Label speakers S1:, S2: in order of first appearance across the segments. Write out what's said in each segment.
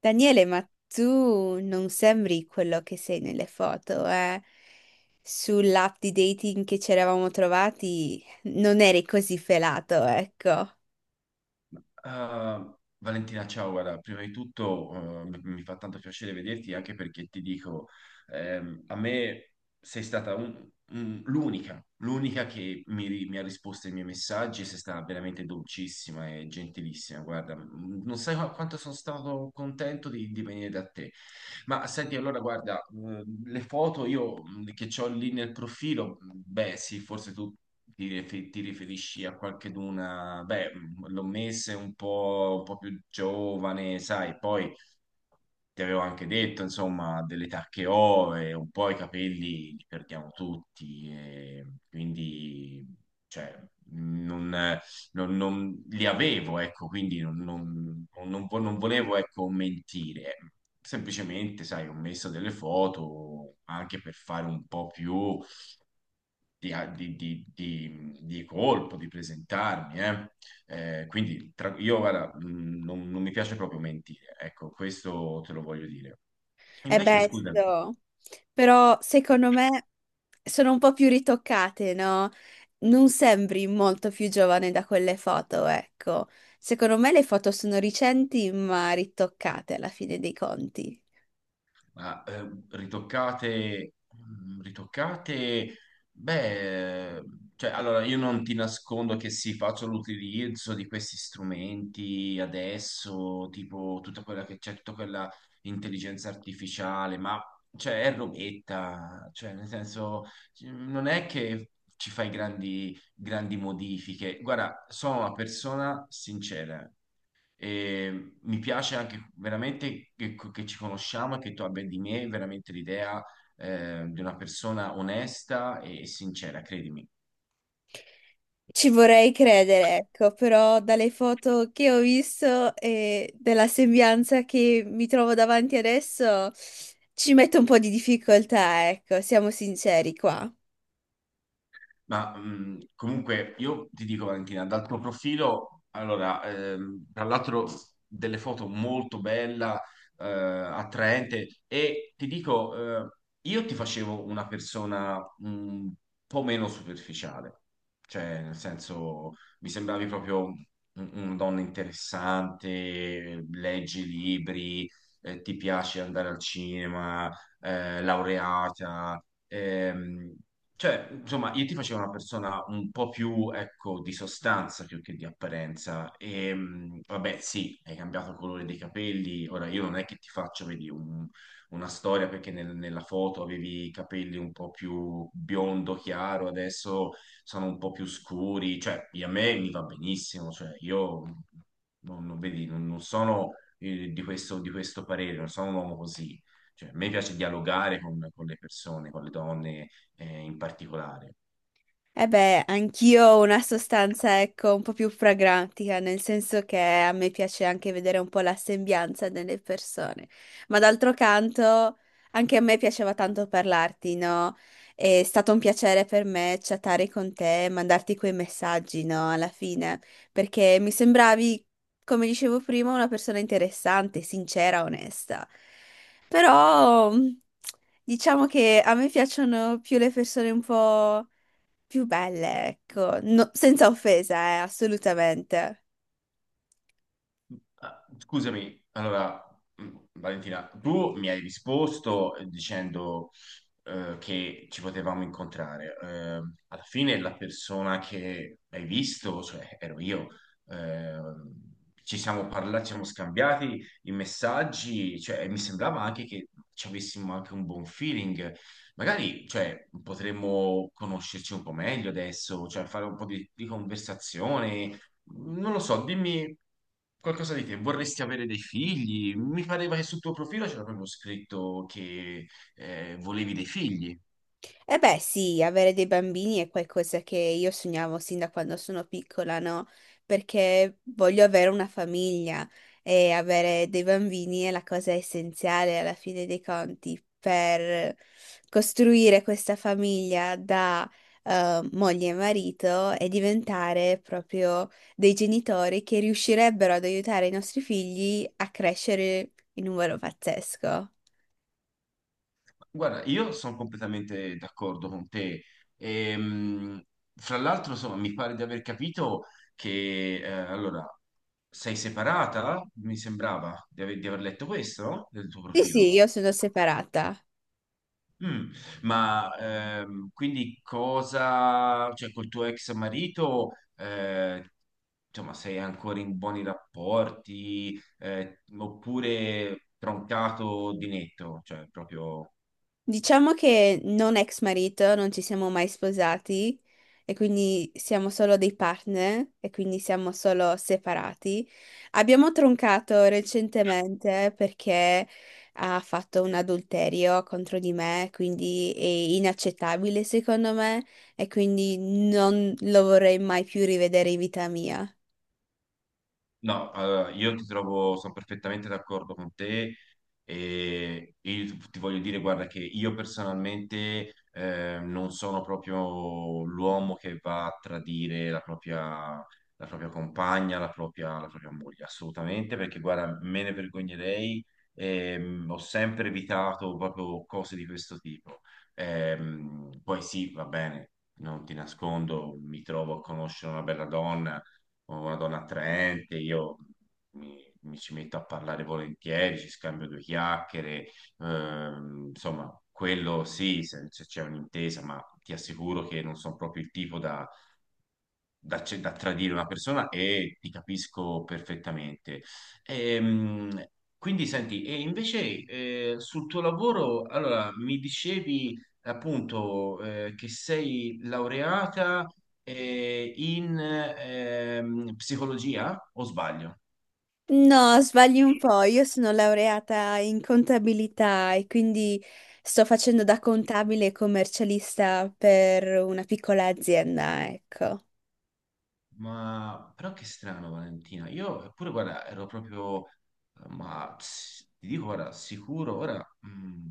S1: Daniele, ma tu non sembri quello che sei nelle foto, eh? Sull'app di dating che ci eravamo trovati non eri così felato, ecco.
S2: Ah, Valentina, ciao, guarda, prima di tutto mi fa tanto piacere vederti anche perché ti dico, a me sei stata un- l'unica che mi ha risposto ai miei messaggi è stata veramente dolcissima e gentilissima. Guarda, non sai quanto sono stato contento di venire da te. Ma senti, allora, guarda, le foto io che ho lì nel profilo, beh, sì, forse tu ti riferisci a qualcheduna, beh, l'ho messa un po' più giovane, sai, poi ti avevo anche detto, insomma, dell'età che ho e un po' i capelli li perdiamo tutti, e quindi, cioè, non, non li avevo, ecco, quindi non non volevo, ecco, mentire. Semplicemente, sai, ho messo delle foto anche per fare un po' più di colpo, di presentarmi, eh. Quindi io guarda, non mi piace proprio mentire, ecco, questo te lo voglio dire.
S1: È
S2: Invece, scusami,
S1: bello. Però secondo me sono un po' più ritoccate, no? Non sembri molto più giovane da quelle foto, ecco. Secondo me le foto sono recenti, ma ritoccate alla fine dei conti.
S2: ma ritoccate, ritoccate, beh, cioè, allora io non ti nascondo che sì, faccio l'utilizzo di questi strumenti adesso, tipo tutta quella che c'è, tutta quella intelligenza artificiale, ma cioè, è robetta, cioè, nel senso, non è che ci fai grandi, grandi modifiche. Guarda, sono una persona sincera. E mi piace anche veramente che ci conosciamo e che tu abbia di me veramente l'idea di una persona onesta e sincera, credimi.
S1: Ci vorrei credere, ecco, però dalle foto che ho visto e della sembianza che mi trovo davanti adesso ci metto un po' di difficoltà, ecco, siamo sinceri qua.
S2: Ma comunque io ti dico Valentina, dal tuo profilo, allora, tra l'altro delle foto molto bella, attraente e ti dico, io ti facevo una persona un po' meno superficiale, cioè nel senso mi sembravi proprio una donna interessante, leggi libri, ti piace andare al cinema, laureata. Ehm, cioè, insomma, io ti facevo una persona un po' più, ecco, di sostanza più che di apparenza. E, vabbè, sì, hai cambiato il colore dei capelli. Ora, io non è che ti faccio, vedi, una storia perché nella foto avevi i capelli un po' più biondo chiaro, adesso sono un po' più scuri. Cioè, a me mi va benissimo. Cioè, io vedi, non sono, di questo parere, non sono un uomo così. Cioè, a me piace dialogare con le persone, con le donne in particolare.
S1: Eh beh, anch'io ho una sostanza, ecco, un po' più pragmatica, nel senso che a me piace anche vedere un po' la sembianza delle persone. Ma d'altro canto, anche a me piaceva tanto parlarti, no? È stato un piacere per me chattare con te, mandarti quei messaggi, no? Alla fine, perché mi sembravi, come dicevo prima, una persona interessante, sincera, onesta. Però, diciamo che a me piacciono più le persone un po' più belle, ecco, senza offesa, assolutamente.
S2: Ah, scusami, allora, Valentina, tu mi hai risposto dicendo che ci potevamo incontrare. Alla fine la persona che hai visto, cioè ero io, eh, ci siamo parlati, ci siamo scambiati i messaggi, cioè, e mi sembrava anche che ci avessimo anche un buon feeling. Magari, cioè, potremmo conoscerci un po' meglio adesso, cioè fare un po' di conversazione. Non lo so, dimmi qualcosa di te. Vorresti avere dei figli? Mi pareva che sul tuo profilo c'era proprio scritto che volevi dei figli.
S1: Eh beh, sì, avere dei bambini è qualcosa che io sognavo sin da quando sono piccola, no? Perché voglio avere una famiglia e avere dei bambini è la cosa essenziale alla fine dei conti per costruire questa famiglia da moglie e marito e diventare proprio dei genitori che riuscirebbero ad aiutare i nostri figli a crescere in un modo pazzesco.
S2: Guarda, io sono completamente d'accordo con te. Ehm, fra l'altro, insomma, mi pare di aver capito che allora sei separata? Mi sembrava di aver letto questo, no? Del tuo
S1: Sì, sì,
S2: profilo.
S1: io sono separata.
S2: Mm, ma quindi cosa, cioè col tuo ex marito, insomma, sei ancora in buoni rapporti, oppure troncato di netto, cioè proprio.
S1: Diciamo che non ex marito, non ci siamo mai sposati e quindi siamo solo dei partner e quindi siamo solo separati. Abbiamo troncato recentemente perché ha fatto un adulterio contro di me, quindi è inaccettabile secondo me e quindi non lo vorrei mai più rivedere in vita mia.
S2: No, allora, io ti trovo, sono perfettamente d'accordo con te e io ti voglio dire, guarda, che io personalmente non sono proprio l'uomo che va a tradire la propria compagna, la propria moglie, assolutamente, perché guarda, me ne vergognerei, ho sempre evitato proprio cose di questo tipo. Poi sì, va bene, non ti nascondo, mi trovo a conoscere una bella donna o una donna attraente, io mi ci metto a parlare volentieri, ci scambio due chiacchiere, insomma, quello sì, se c'è un'intesa, ma ti assicuro che non sono proprio il tipo da da tradire una persona e ti capisco perfettamente. Ehm, quindi senti, e invece sul tuo lavoro, allora mi dicevi appunto che sei laureata in psicologia o sbaglio?
S1: No, sbagli un po', io sono laureata in contabilità e quindi sto facendo da contabile e commercialista per una piccola azienda, ecco.
S2: Ma però che strano Valentina, io pure guarda ero proprio, ma ti dico guarda, sicuro, ora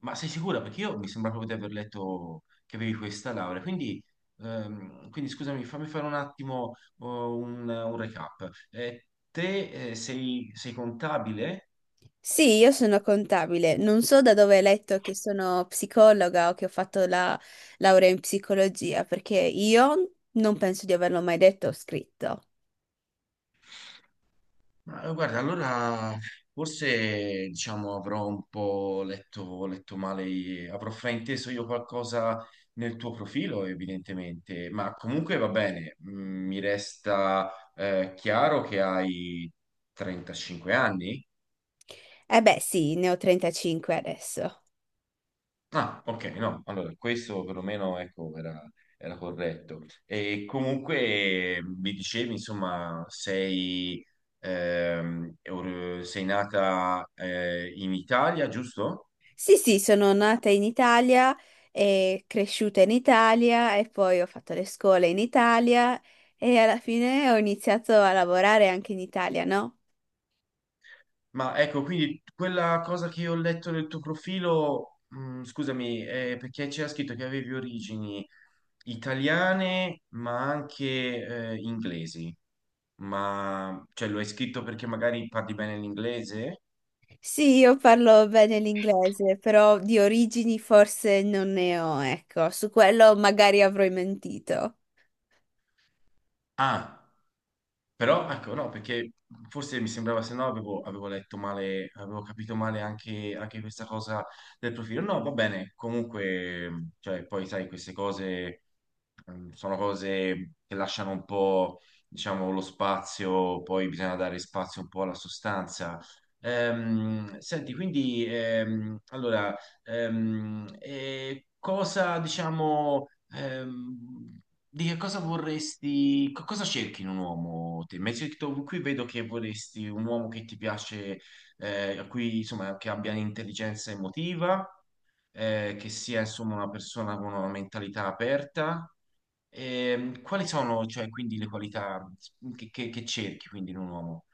S2: ma sei sicura? Perché io mi sembra proprio di aver letto che avevi questa laurea. Quindi, quindi scusami, fammi fare un attimo oh, un recap. Te sei contabile?
S1: Sì, io sono contabile, non so da dove hai letto che sono psicologa o che ho fatto la laurea in psicologia, perché io non penso di averlo mai detto o scritto.
S2: Ma guarda, allora forse diciamo avrò un po' letto, letto male, avrò frainteso io qualcosa nel tuo profilo, evidentemente. Ma comunque va bene, mi resta chiaro che hai 35 anni.
S1: Eh beh, sì, ne ho 35 adesso.
S2: Ah, ok, no, allora questo perlomeno ecco, era corretto. E comunque mi dicevi, insomma, sei, sei nata in Italia, giusto?
S1: Sì, sì, sono nata in Italia e cresciuta in Italia e poi ho fatto le scuole in Italia e alla fine ho iniziato a lavorare anche in Italia, no?
S2: Ma ecco, quindi quella cosa che io ho letto nel tuo profilo, scusami, perché c'era scritto che avevi origini italiane, ma anche inglesi. Ma cioè, lo hai scritto perché magari parli bene l'inglese?
S1: Sì, io parlo bene l'inglese, però di origini forse non ne ho, ecco, su quello magari avrò mentito.
S2: Ah. Però ecco, no, perché forse mi sembrava, se no avevo letto male, avevo capito male anche questa cosa del profilo. No, va bene, comunque, cioè, poi sai, queste cose sono cose che lasciano un po', diciamo, lo spazio, poi bisogna dare spazio un po' alla sostanza. Senti, quindi, allora, cosa, diciamo. Di che cosa vorresti, cosa cerchi in un uomo te? Mi hai detto, qui vedo che vorresti un uomo che ti piace, a cui, insomma, che abbia intelligenza emotiva, che sia insomma una persona con una mentalità aperta. Quali sono, cioè, quindi le qualità che cerchi quindi in un uomo?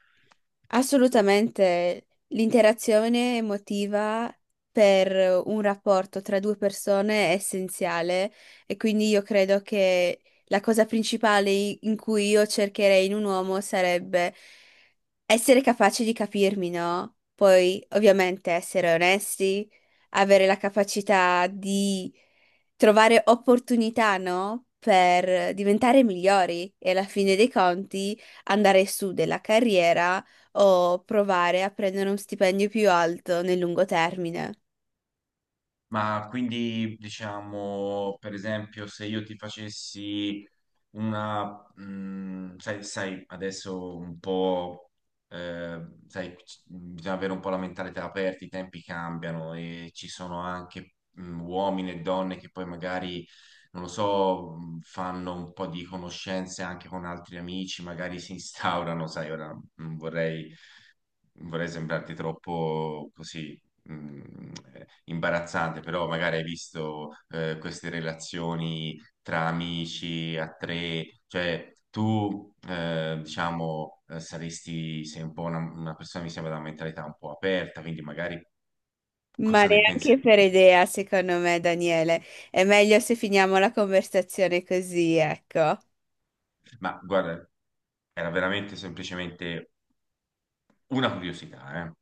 S1: Assolutamente, l'interazione emotiva per un rapporto tra due persone è essenziale e quindi io credo che la cosa principale in cui io cercherei in un uomo sarebbe essere capaci di capirmi, no? Poi, ovviamente, essere onesti, avere la capacità di trovare opportunità, no? Per diventare migliori e alla fine dei conti andare su della carriera o provare a prendere un stipendio più alto nel lungo termine.
S2: Ma quindi, diciamo, per esempio, se io ti facessi sai, adesso un po', eh, sai, bisogna avere un po' la mentalità aperta, i tempi cambiano e ci sono anche, uomini e donne che poi magari, non lo so, fanno un po' di conoscenze anche con altri amici, magari si instaurano, sai, ora non vorrei vorrei sembrarti troppo così imbarazzante, però magari hai visto queste relazioni tra amici a tre, cioè tu diciamo saresti, sei un po' una persona mi sembra da una mentalità un po' aperta, quindi magari
S1: Ma
S2: cosa ne pensi?
S1: neanche per idea, secondo me, Daniele. È meglio se finiamo la conversazione così, ecco.
S2: Ma guarda, era veramente semplicemente una curiosità, eh.